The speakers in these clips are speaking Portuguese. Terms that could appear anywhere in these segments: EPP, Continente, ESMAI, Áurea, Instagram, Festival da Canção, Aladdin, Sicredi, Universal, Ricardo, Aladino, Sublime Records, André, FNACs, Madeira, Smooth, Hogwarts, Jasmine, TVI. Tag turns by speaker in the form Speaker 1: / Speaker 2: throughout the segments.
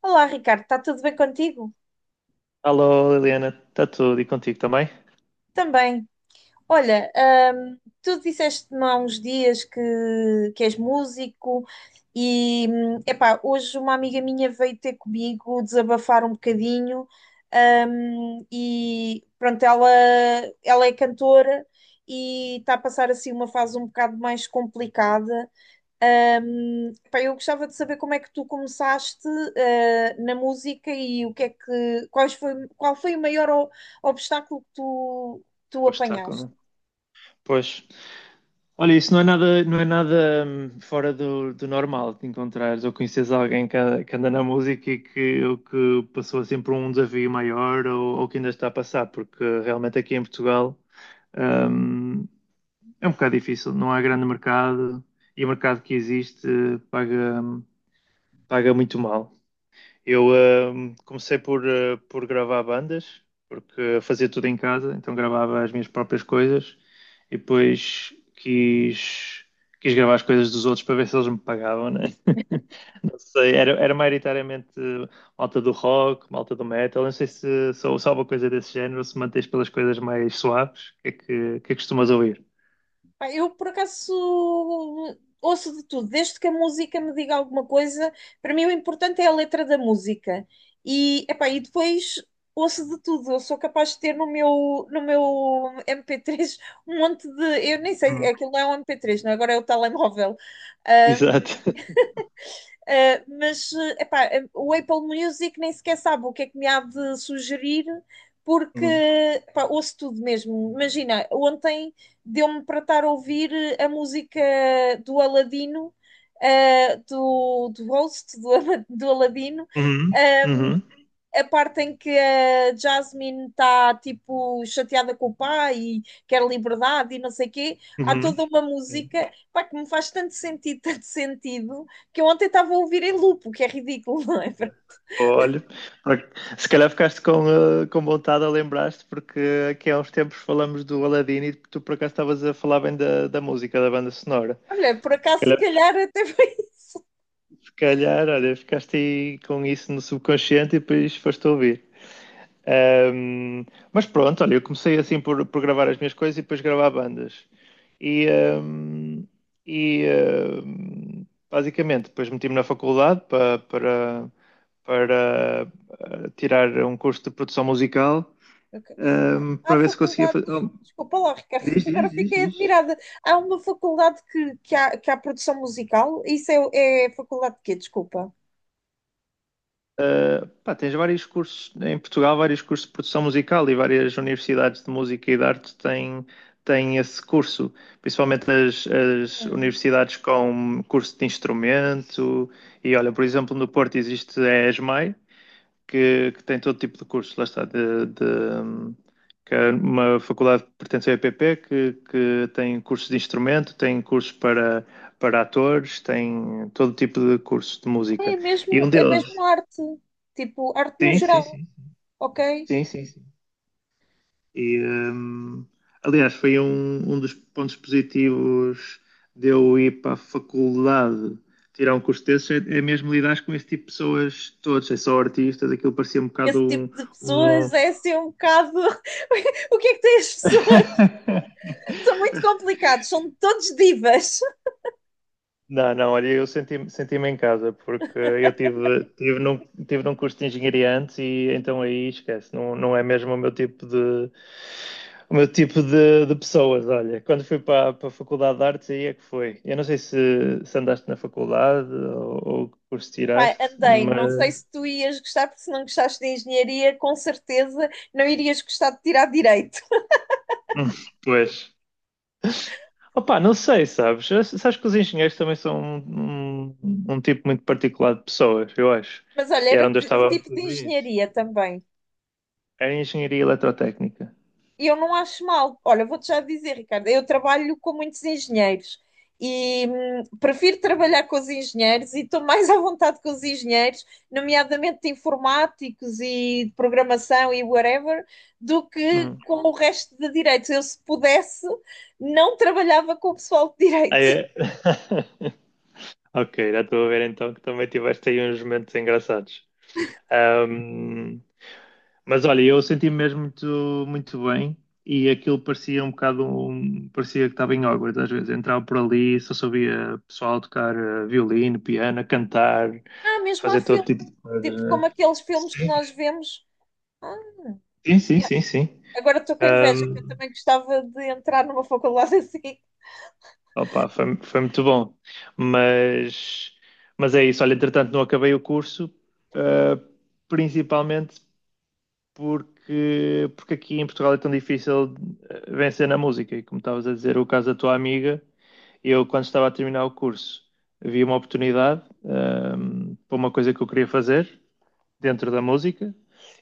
Speaker 1: Olá, Ricardo, está tudo bem contigo?
Speaker 2: Alô, Liliana, está tudo e contigo também?
Speaker 1: Também. Olha, tu disseste-me há uns dias que és músico e, epá, hoje uma amiga minha veio ter comigo desabafar um bocadinho, e pronto, ela é cantora e está a passar assim uma fase um bocado mais complicada, pá, eu gostava de saber como é que tu começaste, na música e o que é que, qual foi o maior obstáculo que tu
Speaker 2: Pois está,
Speaker 1: apanhaste?
Speaker 2: quando- pois. Olha, isso não é nada, não é nada fora do normal de encontrares ou conheces alguém que, a- que anda na música e que, ou que passou assim por um desafio maior ou que ainda está a passar, porque realmente aqui em Portugal hum, é um bocado difícil, não há grande mercado e o mercado que existe paga, paga muito mal. Eu comecei por por gravar bandas, porque fazia tudo em casa, então gravava as minhas próprias coisas e depois quis, quis gravar as coisas dos outros para ver se eles me pagavam, né? Não sei, era, era maioritariamente malta do rock, malta do metal. Eu não sei se sou só uma coisa desse género, se mantens pelas coisas mais suaves. O que é que costumas ouvir?
Speaker 1: Pá, eu, por acaso, ouço de tudo. Desde que a música me diga alguma coisa, para mim o importante é a letra da música. E depois ouço de tudo. Eu sou capaz de ter no meu MP3 um monte de... Eu nem sei,
Speaker 2: Hum.
Speaker 1: aquilo não é um MP3, não é? Agora é o telemóvel.
Speaker 2: Exato.
Speaker 1: Mas epá, o Apple Music nem sequer sabe o que é que me há de sugerir, porque epá, ouço tudo mesmo. Imagina, ontem deu-me para estar a ouvir a música do Aladino, do host do Aladino,
Speaker 2: Uhum. Uhum.
Speaker 1: a parte em que a Jasmine está tipo chateada com o pai e quer liberdade e não sei o quê, há
Speaker 2: Uhum.
Speaker 1: toda
Speaker 2: Uhum.
Speaker 1: uma
Speaker 2: Sim.
Speaker 1: música pá, que me faz tanto sentido, tanto sentido, que eu ontem estava a ouvir em loop, o que é ridículo, não é?
Speaker 2: Olha, por- se calhar ficaste com, com vontade a lembrar-te, porque aqui há uns tempos falamos do Aladdin e tu por acaso estavas a falar bem da música, da banda sonora.
Speaker 1: Olha, por
Speaker 2: Se
Speaker 1: acaso, se
Speaker 2: calhar,
Speaker 1: calhar até foi isso.
Speaker 2: se calhar, olha, ficaste aí com isso no subconsciente e depois foste ouvir. Um, mas pronto, olha, eu comecei assim por gravar as minhas coisas e depois gravar bandas. E, um, e um, basicamente, depois meti-me na faculdade para tirar um curso de produção musical,
Speaker 1: Ok. Há
Speaker 2: para ver se conseguia fazer.
Speaker 1: faculdades.
Speaker 2: Oh,
Speaker 1: Desculpa lá, Ricardo,
Speaker 2: diz,
Speaker 1: que
Speaker 2: diz,
Speaker 1: agora
Speaker 2: diz,
Speaker 1: fiquei
Speaker 2: diz.
Speaker 1: admirada. Há uma faculdade que há produção musical? Isso é faculdade de quê? Desculpa.
Speaker 2: Pá, tens vários cursos em Portugal, vários cursos de produção musical e várias universidades de música e de arte têm, têm esse curso, principalmente as
Speaker 1: Hum.
Speaker 2: universidades com curso de instrumento. E olha, por exemplo, no Porto existe a ESMAI, que tem todo tipo de cursos, lá está, que é uma faculdade que pertence ao EPP, que tem cursos de instrumento, tem cursos para, para atores, tem todo tipo de curso de música. E um
Speaker 1: É mesmo
Speaker 2: deles.
Speaker 1: arte. Tipo, arte no
Speaker 2: Sim, sim,
Speaker 1: geral,
Speaker 2: sim.
Speaker 1: ok?
Speaker 2: Sim, sim, sim. E, aliás, foi um dos pontos positivos de eu ir para a faculdade tirar um curso desses, é, é mesmo lidar com esse tipo de pessoas todos, é só artistas, aquilo parecia um
Speaker 1: Esse
Speaker 2: bocado
Speaker 1: tipo de
Speaker 2: um-
Speaker 1: pessoas é assim um bocado. O que é que têm as pessoas? São muito complicados, são todos divas.
Speaker 2: Não, não, olha, eu senti-me senti-me em casa porque eu tive, tive num curso de engenharia antes e então aí esquece, não, não é mesmo o meu tipo de de pessoas, olha. Quando fui para, para a Faculdade de Artes aí é que foi. Eu não sei se, se andaste na faculdade ou que curso
Speaker 1: Pá,
Speaker 2: tiraste,
Speaker 1: andei, não
Speaker 2: mas
Speaker 1: sei se tu ias gostar, porque se não gostaste de engenharia, com certeza não irias gostar de tirar direito.
Speaker 2: Hum, pois. Opa, não sei, sabes? Sabes que os engenheiros também são um tipo muito particular de pessoas, eu acho.
Speaker 1: Mas olha,
Speaker 2: E era
Speaker 1: era
Speaker 2: onde eu
Speaker 1: que
Speaker 2: estava muito
Speaker 1: tipo de
Speaker 2: no
Speaker 1: engenharia também?
Speaker 2: era engenharia eletrotécnica.
Speaker 1: E eu não acho mal. Olha, vou-te já dizer, Ricardo, eu trabalho com muitos engenheiros e prefiro trabalhar com os engenheiros e estou mais à vontade com os engenheiros, nomeadamente de informáticos e de programação e whatever, do que
Speaker 2: Hum.
Speaker 1: com o resto de direitos. Eu, se pudesse, não trabalhava com o pessoal de
Speaker 2: Ah,
Speaker 1: direito.
Speaker 2: é? Ok, já estou a ver então que também tiveste aí uns momentos engraçados. Ahm, mas olha, eu senti-me mesmo muito, muito bem e aquilo parecia um bocado, parecia que estava em Hogwarts às vezes. Entrava por ali, só sabia pessoal tocar violino, piano, cantar,
Speaker 1: Ah, mesmo há
Speaker 2: fazer todo
Speaker 1: filme,
Speaker 2: tipo de coisas,
Speaker 1: tipo como
Speaker 2: né?
Speaker 1: aqueles filmes que
Speaker 2: Sim,
Speaker 1: nós vemos. Ah,
Speaker 2: sim, sim,
Speaker 1: yeah.
Speaker 2: sim, sim.
Speaker 1: Agora estou com inveja, que eu também gostava de entrar numa faculdade assim.
Speaker 2: Opa, foi, foi muito bom. Mas, mas é isso. Olha, entretanto, não acabei o curso, ah, principalmente porque, porque aqui em Portugal é tão difícil vencer na música. E como estavas a dizer, o caso da tua amiga, eu, quando estava a terminar o curso, vi uma oportunidade, para uma coisa que eu queria fazer dentro da música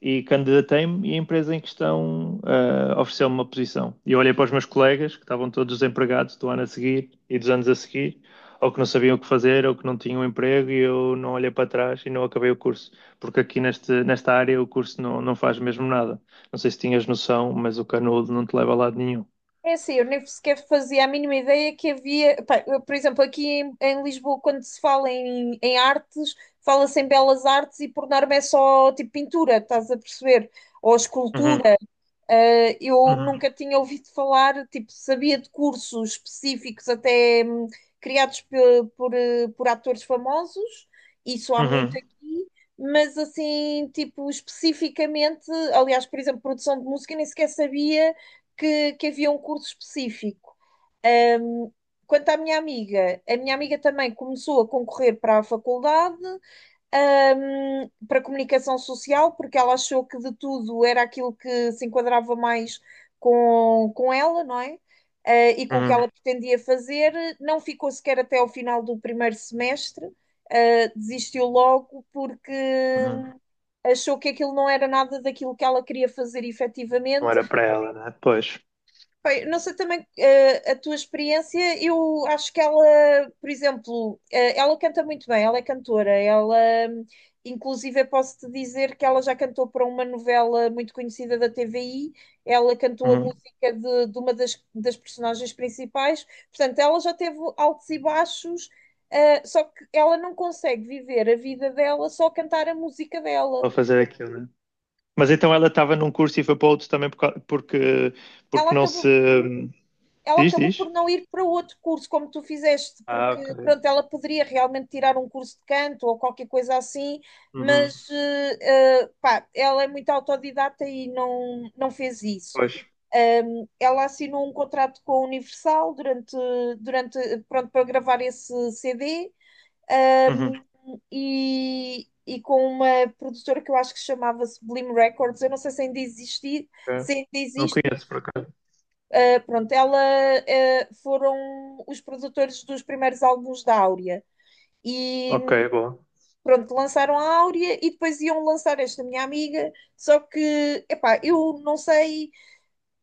Speaker 2: e candidatei-me e a empresa em questão ofereceu-me uma posição. E eu olhei para os meus colegas, que estavam todos desempregados do ano a seguir e dos anos a seguir, ou que não sabiam o que fazer, ou que não tinham emprego, e eu não olhei para trás e não acabei o curso. Porque aqui nesta área o curso não, não faz mesmo nada. Não sei se tinhas noção, mas o canudo não te leva a lado nenhum.
Speaker 1: É assim, eu nem sequer fazia a mínima ideia que havia. Pá, eu, por exemplo, aqui em, em, Lisboa, quando se fala em artes, fala-se em belas artes e por norma é só tipo pintura, estás a perceber? Ou
Speaker 2: Uhum,
Speaker 1: escultura. Eu
Speaker 2: uhum,
Speaker 1: nunca tinha ouvido falar, tipo, sabia de cursos específicos até criados por atores famosos, isso há muito
Speaker 2: uhum,
Speaker 1: aqui, mas assim, tipo, especificamente, aliás, por exemplo, produção de música, nem sequer sabia que havia um curso específico. Quanto à minha amiga, a minha amiga também começou a concorrer para a faculdade, para comunicação social, porque ela achou que de tudo era aquilo que se enquadrava mais com, ela, não é? E com o que
Speaker 2: uhum,
Speaker 1: ela pretendia fazer, não ficou sequer até ao final do primeiro semestre, desistiu logo porque
Speaker 2: uhum.
Speaker 1: achou que aquilo não era nada daquilo que ela queria fazer
Speaker 2: Não
Speaker 1: efetivamente.
Speaker 2: era para ela, né? Pois.
Speaker 1: Bem, não sei também a tua experiência, eu acho que ela, por exemplo, ela canta muito bem, ela é cantora, hum, inclusive, eu posso-te dizer que ela já cantou para uma novela muito conhecida da TVI, ela cantou a
Speaker 2: Uhum.
Speaker 1: música de, uma das personagens principais, portanto, ela já teve altos e baixos, só que ela não consegue viver a vida dela só a cantar a música dela.
Speaker 2: Vou fazer aquilo, né? Mas então ela estava num curso e foi para outro também porque,
Speaker 1: Ela
Speaker 2: porque não
Speaker 1: acabou
Speaker 2: se.
Speaker 1: ela
Speaker 2: Diz,
Speaker 1: acabou
Speaker 2: diz?
Speaker 1: por não ir para outro curso, como tu fizeste,
Speaker 2: Ah,
Speaker 1: porque
Speaker 2: ok.
Speaker 1: pronto, ela poderia realmente tirar um curso de canto ou qualquer coisa assim,
Speaker 2: Uhum.
Speaker 1: mas pá, ela é muito autodidata e não fez isso.
Speaker 2: Pois.
Speaker 1: Ela assinou um contrato com a Universal durante, pronto, para gravar esse CD, ahm,
Speaker 2: Uhum.
Speaker 1: e com uma produtora que eu acho que se chamava Sublime Records, eu não sei se ainda existe,
Speaker 2: Ok.
Speaker 1: se ainda
Speaker 2: Não
Speaker 1: existe,
Speaker 2: conheço por acaso.
Speaker 1: Pronto, ela foram os produtores dos primeiros álbuns da Áurea. E
Speaker 2: Ok, bom.
Speaker 1: pronto, lançaram a Áurea e depois iam lançar esta minha amiga. Só que, epá, eu não sei,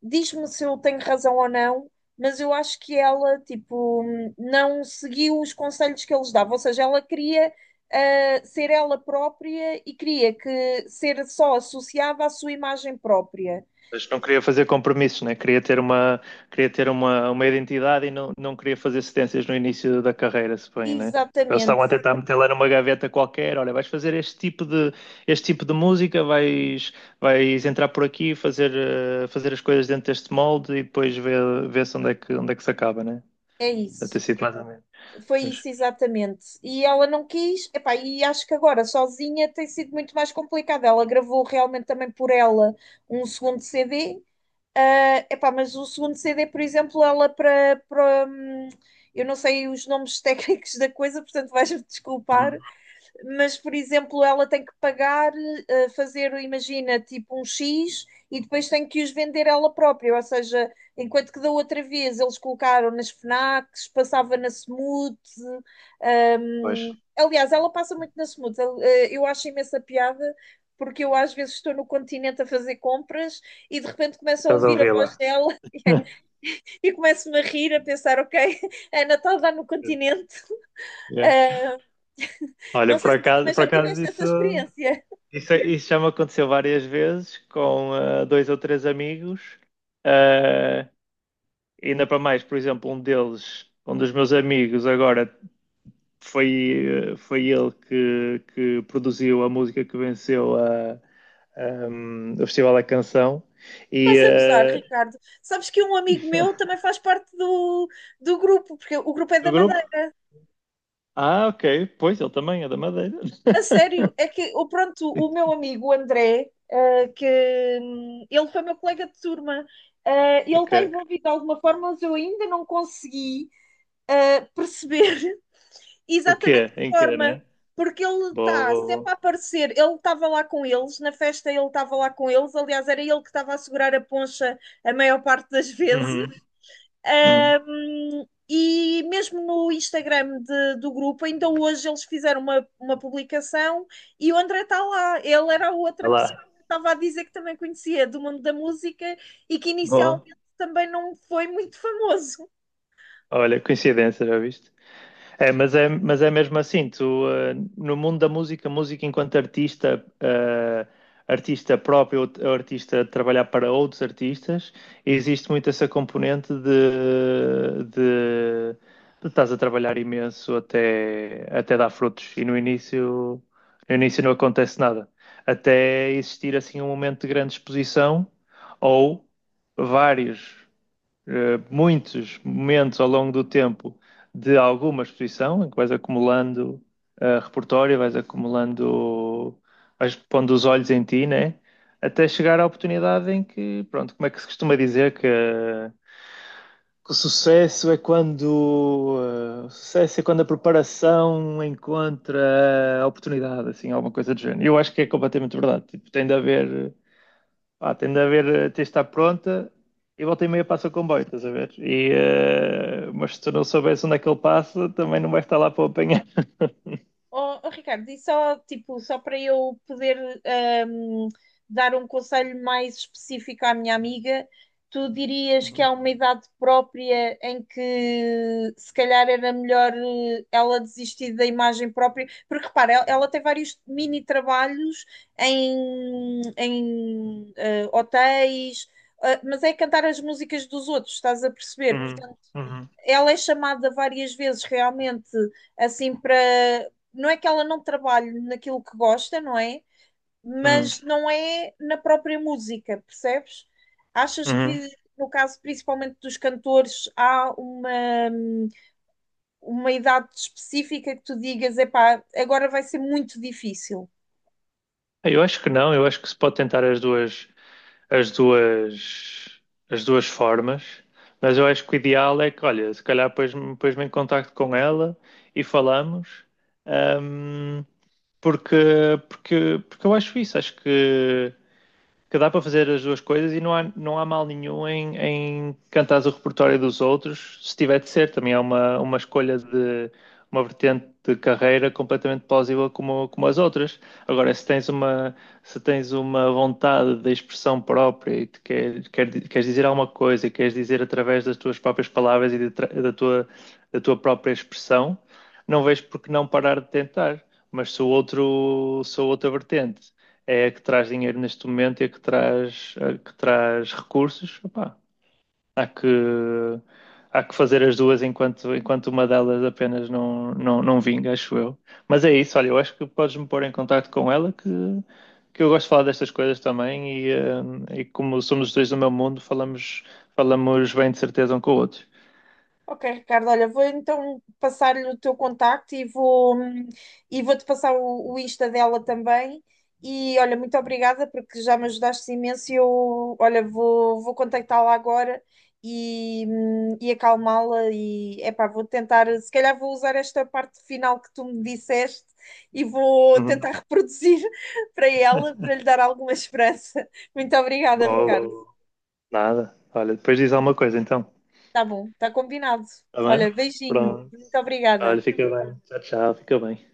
Speaker 1: diz-me se eu tenho razão ou não, mas eu acho que ela, tipo, não seguiu os conselhos que eles davam. Ou seja, ela queria ser ela própria e queria que ser só associada à sua imagem própria.
Speaker 2: Mas não queria fazer compromissos, né? Queria ter uma identidade e não, não queria fazer cedências no início da carreira, se bem, né? Eles
Speaker 1: Exatamente,
Speaker 2: estavam a tentar meter lá numa gaveta qualquer, olha, vais fazer este tipo de música, vais, vais entrar por aqui, fazer, fazer as coisas dentro deste molde e depois ver, ver-se onde é que se acaba, né?
Speaker 1: é
Speaker 2: Deve ter
Speaker 1: isso.
Speaker 2: sido mais ou menos.
Speaker 1: Foi
Speaker 2: Mas,
Speaker 1: isso, exatamente. E ela não quis, epá, e acho que agora sozinha tem sido muito mais complicado. Ela gravou realmente também por ela um segundo CD, epá, mas o segundo CD, por exemplo, eu não sei os nomes técnicos da coisa, portanto vais-me desculpar,
Speaker 2: hum,
Speaker 1: mas por exemplo, ela tem que pagar, fazer, imagina, tipo um X e depois tem que os vender ela própria. Ou seja, enquanto que da outra vez eles colocaram nas FNACs, passava na Smooth. hum,
Speaker 2: pois,
Speaker 1: aliás, ela passa muito na Smooth. Eu acho imensa piada. Porque eu às vezes estou no continente a fazer compras e de repente começo a
Speaker 2: estás a
Speaker 1: ouvir a
Speaker 2: ouvir
Speaker 1: voz
Speaker 2: lá.
Speaker 1: dela e começo-me a rir, a pensar, ok, a Natal está lá no continente.
Speaker 2: Yeah.
Speaker 1: Ah,
Speaker 2: Olha,
Speaker 1: não sei se tu também
Speaker 2: por
Speaker 1: já
Speaker 2: acaso
Speaker 1: tiveste essa
Speaker 2: isso,
Speaker 1: experiência.
Speaker 2: isso, isso já me aconteceu várias vezes com dois ou três amigos. Ah, ainda para mais, por exemplo, um deles, um dos meus amigos, agora foi, foi ele que produziu a música que venceu a, o Festival da Canção. E,
Speaker 1: Estás a gozar,
Speaker 2: ah,
Speaker 1: Ricardo. Sabes que um amigo meu também faz parte do grupo, porque o grupo é da
Speaker 2: do grupo?
Speaker 1: Madeira.
Speaker 2: Ah, ok. Pois, ele também é da Madeira.
Speaker 1: A sério, é que, o meu amigo o André, ah, que ele foi meu colega de turma, ele está
Speaker 2: Ok.
Speaker 1: envolvido de alguma forma, mas eu ainda não consegui perceber
Speaker 2: O
Speaker 1: exatamente
Speaker 2: quê?
Speaker 1: que
Speaker 2: Em quê,
Speaker 1: forma,
Speaker 2: né?
Speaker 1: porque ele
Speaker 2: Boa,
Speaker 1: está
Speaker 2: boa,
Speaker 1: sempre a
Speaker 2: boa.
Speaker 1: aparecer. Ele estava lá com eles, na festa ele estava lá com eles, aliás, era ele que estava a segurar a poncha a maior parte das vezes.
Speaker 2: Uhum, uhum.
Speaker 1: E mesmo no Instagram do grupo, ainda hoje eles fizeram uma publicação e o André está lá. Ele era a outra
Speaker 2: Olha
Speaker 1: pessoa
Speaker 2: lá.
Speaker 1: que estava a dizer que também conhecia do mundo da música e que
Speaker 2: Boa.
Speaker 1: inicialmente também não foi muito famoso.
Speaker 2: Olha, coincidência, já viste? É, mas é, mas é mesmo assim, tu, no mundo da música, música enquanto artista, artista próprio, ou ou artista a trabalhar para outros artistas, existe muito essa componente de estás a trabalhar imenso até, até dar frutos e no início, no início não acontece nada. Até existir assim um momento de grande exposição ou vários muitos momentos ao longo do tempo de alguma exposição, em que vais acumulando repertório, vais acumulando, vais pondo os olhos em ti, né? Até chegar à oportunidade em que, pronto, como é que se costuma dizer que, que o sucesso é quando, o sucesso é quando a preparação encontra a oportunidade, assim, alguma coisa do género. Eu acho que é completamente verdade. Tipo, tem de haver pá, tem de haver, tem de estar pronta e volta e meia passa o comboio, estás a ver? E, mas se tu não soubesse onde é que ele passa, também não vais estar lá para o apanhar.
Speaker 1: Oh, oh, Ricardo, e só para eu poder ahm, dar um conselho mais específico à minha amiga, tu dirias que há
Speaker 2: Uhum,
Speaker 1: uma idade própria em que se calhar era melhor ela desistir da imagem própria, porque repara, ela tem vários mini trabalhos em, hotéis, mas é cantar as músicas dos outros, estás a perceber?
Speaker 2: uhum, uhum,
Speaker 1: Ela é chamada várias vezes realmente assim para. Não é que ela não trabalhe naquilo que gosta, não é?
Speaker 2: uhum,
Speaker 1: Mas não é na própria música, percebes? Achas
Speaker 2: uhum.
Speaker 1: que no caso principalmente dos cantores, há uma, idade específica que tu digas, epá, agora vai ser muito difícil.
Speaker 2: Eu acho que não, eu acho que se pode tentar as duas, as duas formas, mas eu acho que o ideal é que, olha, se calhar depois me em contacto com ela e falamos, ahm, porque, porque eu acho isso, acho que dá para fazer as duas coisas e não há, não há mal nenhum em, em cantares o repertório dos outros, se tiver de ser. Também é uma escolha de uma vertente de carreira completamente plausível como, como as outras. Agora, se tens uma vontade de expressão própria e te queres dizer alguma coisa e queres dizer através das tuas próprias palavras e da tua própria expressão, não vejo por que não parar de tentar. Mas se o outro, se a outra vertente é a que traz dinheiro neste momento e a que traz recursos, opá, há que há que fazer as duas enquanto, enquanto uma delas apenas não, não, não vinga, acho eu. Mas é isso, olha, eu acho que podes-me pôr em contacto com ela que eu gosto de falar destas coisas também e, e como somos os dois do meu mundo, falamos, falamos bem de certeza um com o outro.
Speaker 1: Ok, Ricardo, olha, vou então passar-lhe o teu contacto e vou-te passar o Insta dela também. E olha, muito obrigada porque já me ajudaste imenso. E eu, olha, vou contactá-la agora e, acalmá-la. E epá, vou tentar, se calhar vou usar esta parte final que tu me disseste e vou
Speaker 2: Uhum.
Speaker 1: tentar reproduzir para ela, para lhe dar alguma esperança. Muito obrigada, Ricardo.
Speaker 2: Bom, nada. Olha, depois diz alguma coisa então.
Speaker 1: Tá bom, tá combinado.
Speaker 2: Tá bem?
Speaker 1: Olha, beijinho,
Speaker 2: Pronto.
Speaker 1: muito obrigada.
Speaker 2: Olha, fica bem. Tchau, tchau. Fica bem.